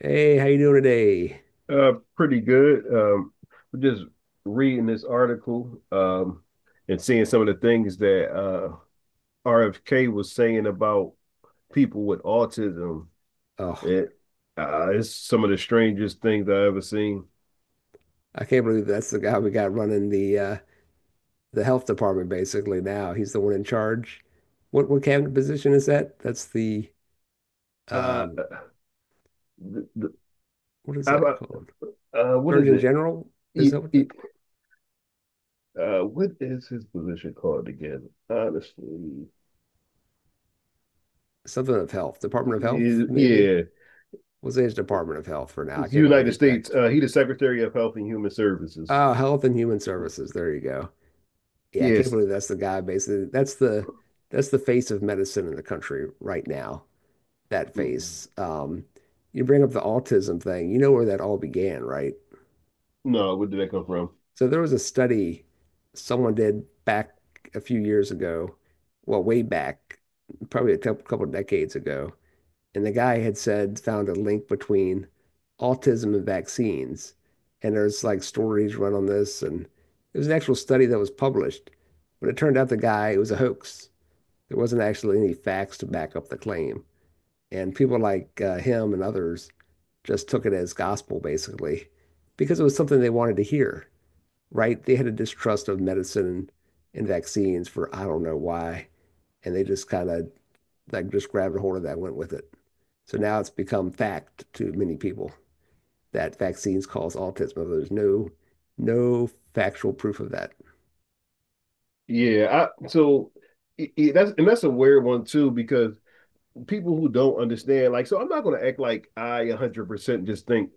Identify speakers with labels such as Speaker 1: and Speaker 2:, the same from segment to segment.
Speaker 1: Hey, how you doing today?
Speaker 2: Pretty good. Just reading this article, and seeing some of the things that RFK was saying about people with autism.
Speaker 1: Oh,
Speaker 2: It it's some of the strangest things I've ever seen.
Speaker 1: I can't believe that's the guy we got running the the health department basically now. He's the one in charge. What cabinet position is that? That's the
Speaker 2: Uh,
Speaker 1: um
Speaker 2: the,
Speaker 1: what is
Speaker 2: I,
Speaker 1: that called?
Speaker 2: what is
Speaker 1: Surgeon
Speaker 2: it?
Speaker 1: General? Is
Speaker 2: It,
Speaker 1: that what
Speaker 2: it, What is his position called again? Honestly,
Speaker 1: something of health? Department of Health, maybe?
Speaker 2: yeah,
Speaker 1: We'll say it's Department of Health for now. I
Speaker 2: it's the
Speaker 1: can't remember the
Speaker 2: United States.
Speaker 1: exact.
Speaker 2: He's the Secretary of Health and Human Services.
Speaker 1: Oh, Health and Human Services. There you go. Yeah, I can't
Speaker 2: Yes.
Speaker 1: believe that's the guy basically. That's the face of medicine in the country right now. That face.
Speaker 2: Mm-hmm.
Speaker 1: You bring up the autism thing. You know where that all began, right?
Speaker 2: No, where did that come from?
Speaker 1: So there was a study someone did back a few years ago, well, way back, probably a couple decades ago, and the guy had said found a link between autism and vaccines. And there's like stories run on this, and it was an actual study that was published, but it turned out the guy it was a hoax. There wasn't actually any facts to back up the claim. And people like him and others just took it as gospel, basically, because it was something they wanted to hear, right? They had a distrust of medicine and vaccines for I don't know why. And they just kind of just grabbed a hold of that and went with it. So now it's become fact to many people that vaccines cause autism. But There's no factual proof of that.
Speaker 2: Yeah, I so I- that's and that's a weird one too, because people who don't understand, like, so I'm not going to act like I 100% just think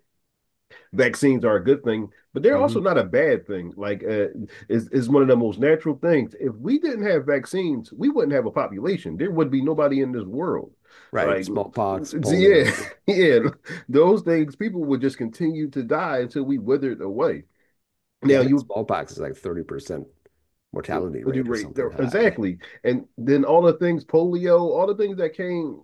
Speaker 2: vaccines are a good thing, but they're
Speaker 1: Hmm.
Speaker 2: also not a bad thing. Is one of the most natural things. If we didn't have vaccines, we wouldn't have a population. There would be nobody in this world.
Speaker 1: Right.
Speaker 2: Like,
Speaker 1: Smallpox,
Speaker 2: so yeah,
Speaker 1: polio.
Speaker 2: yeah, those things, people would just continue to die until we withered away.
Speaker 1: Yeah, I
Speaker 2: Now
Speaker 1: think
Speaker 2: you
Speaker 1: smallpox is like 30%
Speaker 2: you
Speaker 1: mortality
Speaker 2: know, do
Speaker 1: rate or
Speaker 2: rate
Speaker 1: something high.
Speaker 2: exactly, and then all the things, polio, all the things that came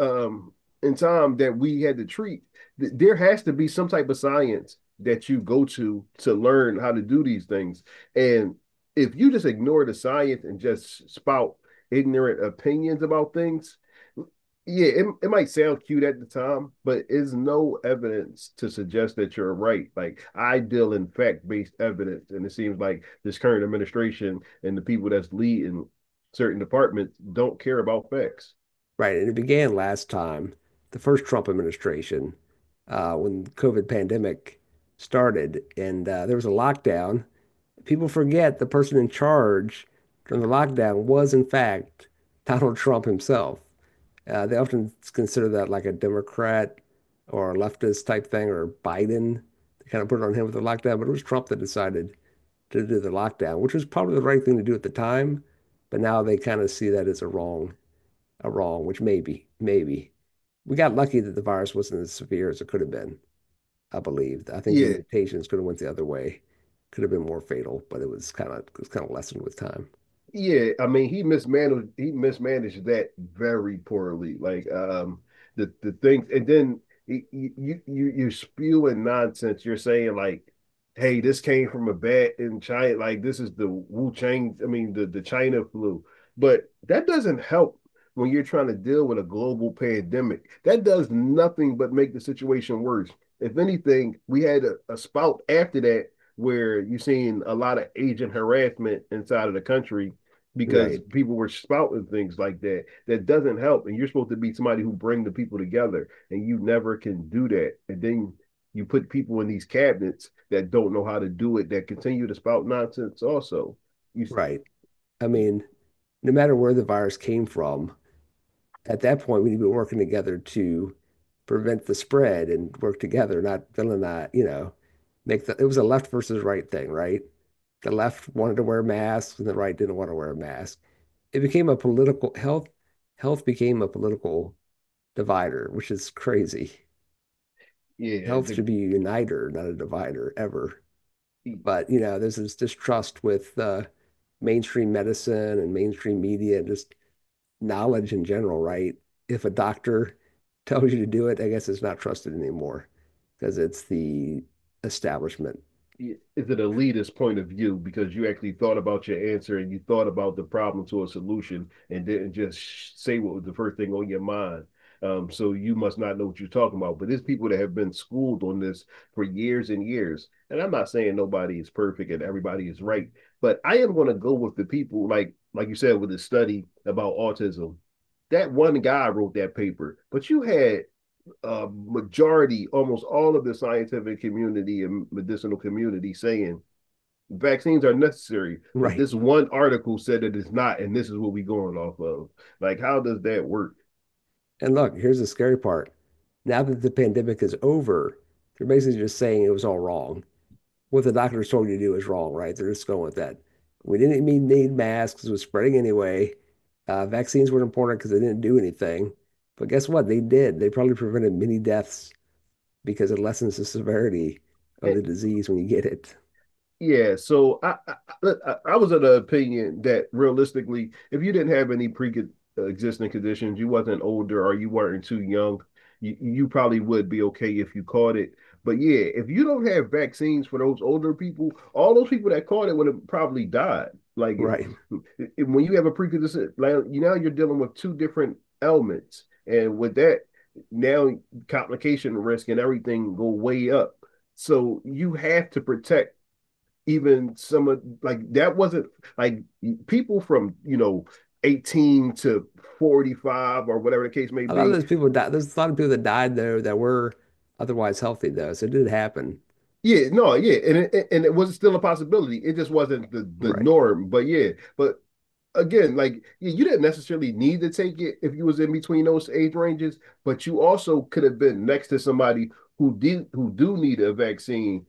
Speaker 2: um in time that we had to treat. There has to be some type of science that you go to learn how to do these things. And if you just ignore the science and just spout ignorant opinions about things, yeah, it might sound cute at the time, but it's no evidence to suggest that you're right. Like, I deal in fact-based evidence, and it seems like this current administration and the people that's leading certain departments don't care about facts.
Speaker 1: Right. And it began last time, the first Trump administration, when the COVID pandemic started, and there was a lockdown. People forget the person in charge during the lockdown was, in fact, Donald Trump himself. They often consider that like a Democrat or a leftist type thing, or Biden. They kind of put it on him with the lockdown, but it was Trump that decided to do the lockdown, which was probably the right thing to do at the time. But now they kind of see that as a wrong wrong, which maybe, maybe. We got lucky that the virus wasn't as severe as it could have been, I believe. I think the
Speaker 2: Yeah.
Speaker 1: mutations could have went the other way, could have been more fatal, but it was kind of lessened with time.
Speaker 2: Yeah, I mean, he mismanaged that very poorly. Like, the things, and then you you're spewing nonsense. You're saying, like, hey, this came from a bat in China. Like, this is the Wu Chang. I mean, the China flu. But that doesn't help when you're trying to deal with a global pandemic. That does nothing but make the situation worse. If anything, we had a spout after that where you've seen a lot of agent harassment inside of the country because
Speaker 1: Right,
Speaker 2: people were spouting things like that, that doesn't help. And you're supposed to be somebody who bring the people together, and you never can do that. And then you put people in these cabinets that don't know how to do it, that continue to spout nonsense also. You
Speaker 1: right. I mean, no matter where the virus came from, at that point we need to be working together to prevent the spread and work together, not villainize, you know, make the it was a left versus right thing, right? The left wanted to wear masks and the right didn't want to wear a mask. It became a political health health became a political divider, which is crazy.
Speaker 2: yeah
Speaker 1: Health
Speaker 2: the
Speaker 1: should be a uniter, not a divider, ever. But you know, there's this distrust with mainstream medicine and mainstream media and just knowledge in general, right? If a doctor tells you to do it, I guess it's not trusted anymore because it's the establishment,
Speaker 2: Is an elitist point of view, because you actually thought about your answer and you thought about the problem to a solution, and didn't just say what was the first thing on your mind. So you must not know what you're talking about. But there's people that have been schooled on this for years and years. And I'm not saying nobody is perfect and everybody is right, but I am going to go with the people, like you said, with the study about autism. That one guy wrote that paper, but you had majority, almost all of the scientific community and medicinal community saying vaccines are necessary, but
Speaker 1: right?
Speaker 2: this one article said that it's not, and this is what we're going off of. Like, how does that work?
Speaker 1: And look, here's the scary part. Now that the pandemic is over, they're basically just saying it was all wrong what the doctors told you to do is wrong, right? They're just going with that. We didn't even need masks, it was spreading anyway. Vaccines weren't important because they didn't do anything. But guess what? They did. They probably prevented many deaths because it lessens the severity of the disease when you get it.
Speaker 2: Yeah, so I, I I was of the opinion that realistically, if you didn't have any pre-existing conditions, you wasn't older or you weren't too young, you probably would be okay if you caught it. But yeah, if you don't have vaccines for those older people, all those people that caught it would have probably died. Like,
Speaker 1: Right.
Speaker 2: when you have a pre-existing, like, you now you're dealing with two different ailments, and with that, now complication risk and everything go way up. So you have to protect even some of, like, that wasn't, like, people from, you know, 18 to 45, or whatever the case may
Speaker 1: A lot of
Speaker 2: be.
Speaker 1: those people died. There's a lot of people that died though that were otherwise healthy though. So it did happen.
Speaker 2: Yeah no Yeah, and and it was still a possibility, it just wasn't the
Speaker 1: Right.
Speaker 2: norm. But yeah, but again, like, yeah, you didn't necessarily need to take it if you was in between those age ranges, but you also could have been next to somebody who did, who do need a vaccine,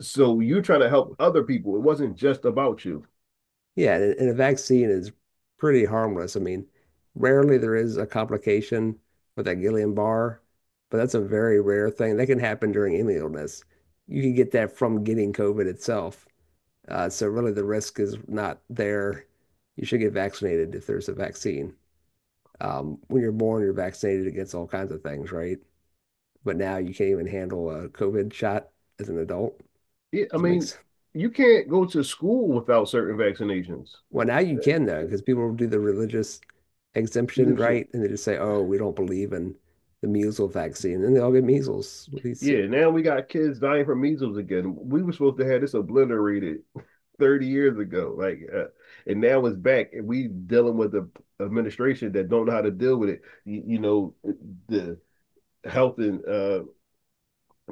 Speaker 2: so you're trying to help other people. It wasn't just about you.
Speaker 1: Yeah, and a vaccine is pretty harmless. I mean, rarely there is a complication with that Guillain-Barré, but that's a very rare thing. That can happen during any illness. You can get that from getting COVID itself. So really the risk is not there. You should get vaccinated if there's a vaccine. When you're born, you're vaccinated against all kinds of things, right? But now you can't even handle a COVID shot as an adult.
Speaker 2: Yeah, I
Speaker 1: Does it make
Speaker 2: mean, you can't go to school without certain vaccinations.
Speaker 1: Well, now you can though, because people do the religious exemption, right? And they just say, "Oh, we don't believe in the measles vaccine," and they all get measles. What do you say,
Speaker 2: Yeah, now we got kids dying from measles again. We were supposed to have this obliterated 30 years ago. And now it's back, and we dealing with the administration that don't know how to deal with it. You know, the health and uh,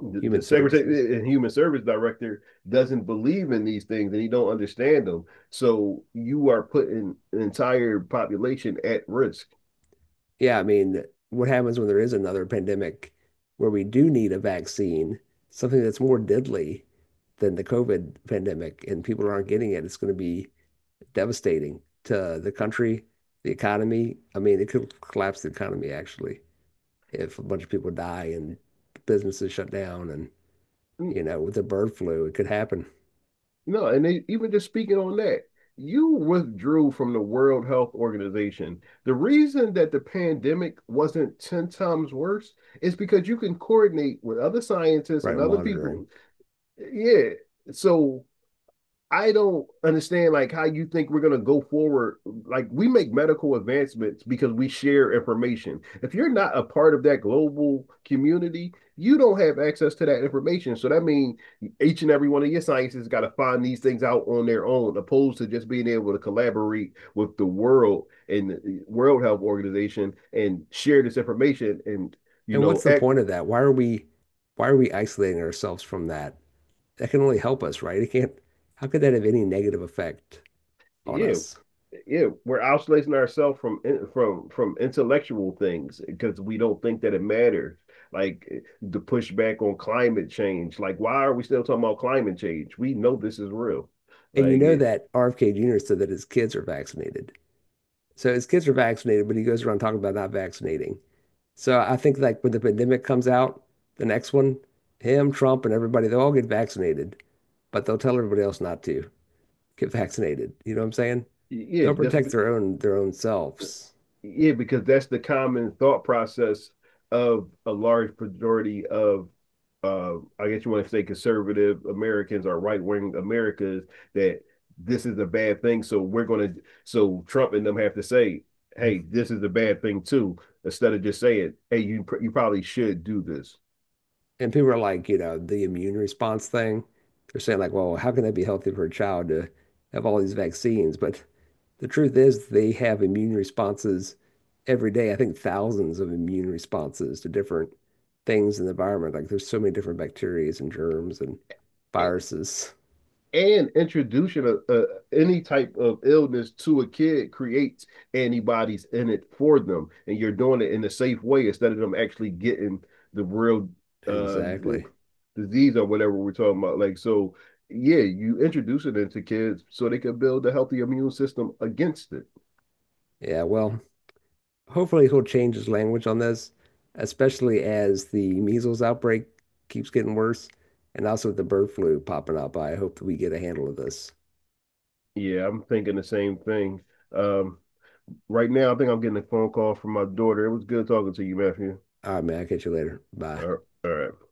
Speaker 2: the,
Speaker 1: human
Speaker 2: the
Speaker 1: services.
Speaker 2: secretary and human service director doesn't believe in these things, and he don't understand them. So you are putting an entire population at risk.
Speaker 1: Yeah, I mean, what happens when there is another pandemic where we do need a vaccine, something that's more deadly than the COVID pandemic, and people aren't getting it? It's going to be devastating to the country, the economy. I mean, it could collapse the economy actually if a bunch of people die and businesses shut down and you know, with the bird flu. It could happen,
Speaker 2: No, and they, even just speaking on that, you withdrew from the World Health Organization. The reason that the pandemic wasn't 10 times worse is because you can coordinate with other scientists
Speaker 1: right?
Speaker 2: and
Speaker 1: With
Speaker 2: other
Speaker 1: monitoring.
Speaker 2: people. Yeah. So I don't understand, like, how you think we're gonna go forward. Like, we make medical advancements because we share information. If you're not a part of that global community, you don't have access to that information. So that means each and every one of your scientists got to find these things out on their own, opposed to just being able to collaborate with the world and the World Health Organization and share this information, and you
Speaker 1: And
Speaker 2: know,
Speaker 1: what's the
Speaker 2: act
Speaker 1: point of that? Why are we isolating ourselves from that? That can only help us, right? It can't how could that have any negative effect on
Speaker 2: you
Speaker 1: us?
Speaker 2: yeah, we're isolating ourselves from from intellectual things because we don't think that it matters. Like, the pushback on climate change. Like, why are we still talking about climate change? We know this is real.
Speaker 1: And you
Speaker 2: Like,
Speaker 1: know
Speaker 2: it,
Speaker 1: that RFK Jr. said that his kids are vaccinated. So his kids are vaccinated, but he goes around talking about not vaccinating. So I think like when the pandemic comes out, the next one, him, Trump, and everybody, they'll all get vaccinated, but they'll tell everybody else not to get vaccinated. You know what I'm saying?
Speaker 2: yeah,
Speaker 1: They'll
Speaker 2: just
Speaker 1: protect their own selves.
Speaker 2: Yeah, because that's the common thought process of a large majority of, I guess you want to say, conservative Americans or right wing Americans, that this is a bad thing. So we're going to, so Trump and them have to say, hey, this is a bad thing too, instead of just saying, hey, you probably should do this.
Speaker 1: And people are like, you know, the immune response thing. They're saying like, well, how can that be healthy for a child to have all these vaccines? But the truth is they have immune responses every day. I think thousands of immune responses to different things in the environment. Like there's so many different bacteria and germs and
Speaker 2: And,
Speaker 1: viruses.
Speaker 2: and introducing any type of illness to a kid creates antibodies in it for them, and you're doing it in a safe way instead of them actually getting the real uh,
Speaker 1: Exactly.
Speaker 2: disease, or whatever we're talking about. Like, so yeah, you introduce it into kids so they can build a healthy immune system against it.
Speaker 1: Yeah, well, hopefully he'll change his language on this, especially as the measles outbreak keeps getting worse and also the bird flu popping up. I hope that we get a handle of this.
Speaker 2: Yeah, I'm thinking the same thing. um, right now I think I'm getting a phone call from my daughter. It was good talking to you, Matthew.
Speaker 1: All right, man, I'll catch you later. Bye.
Speaker 2: All right. All right.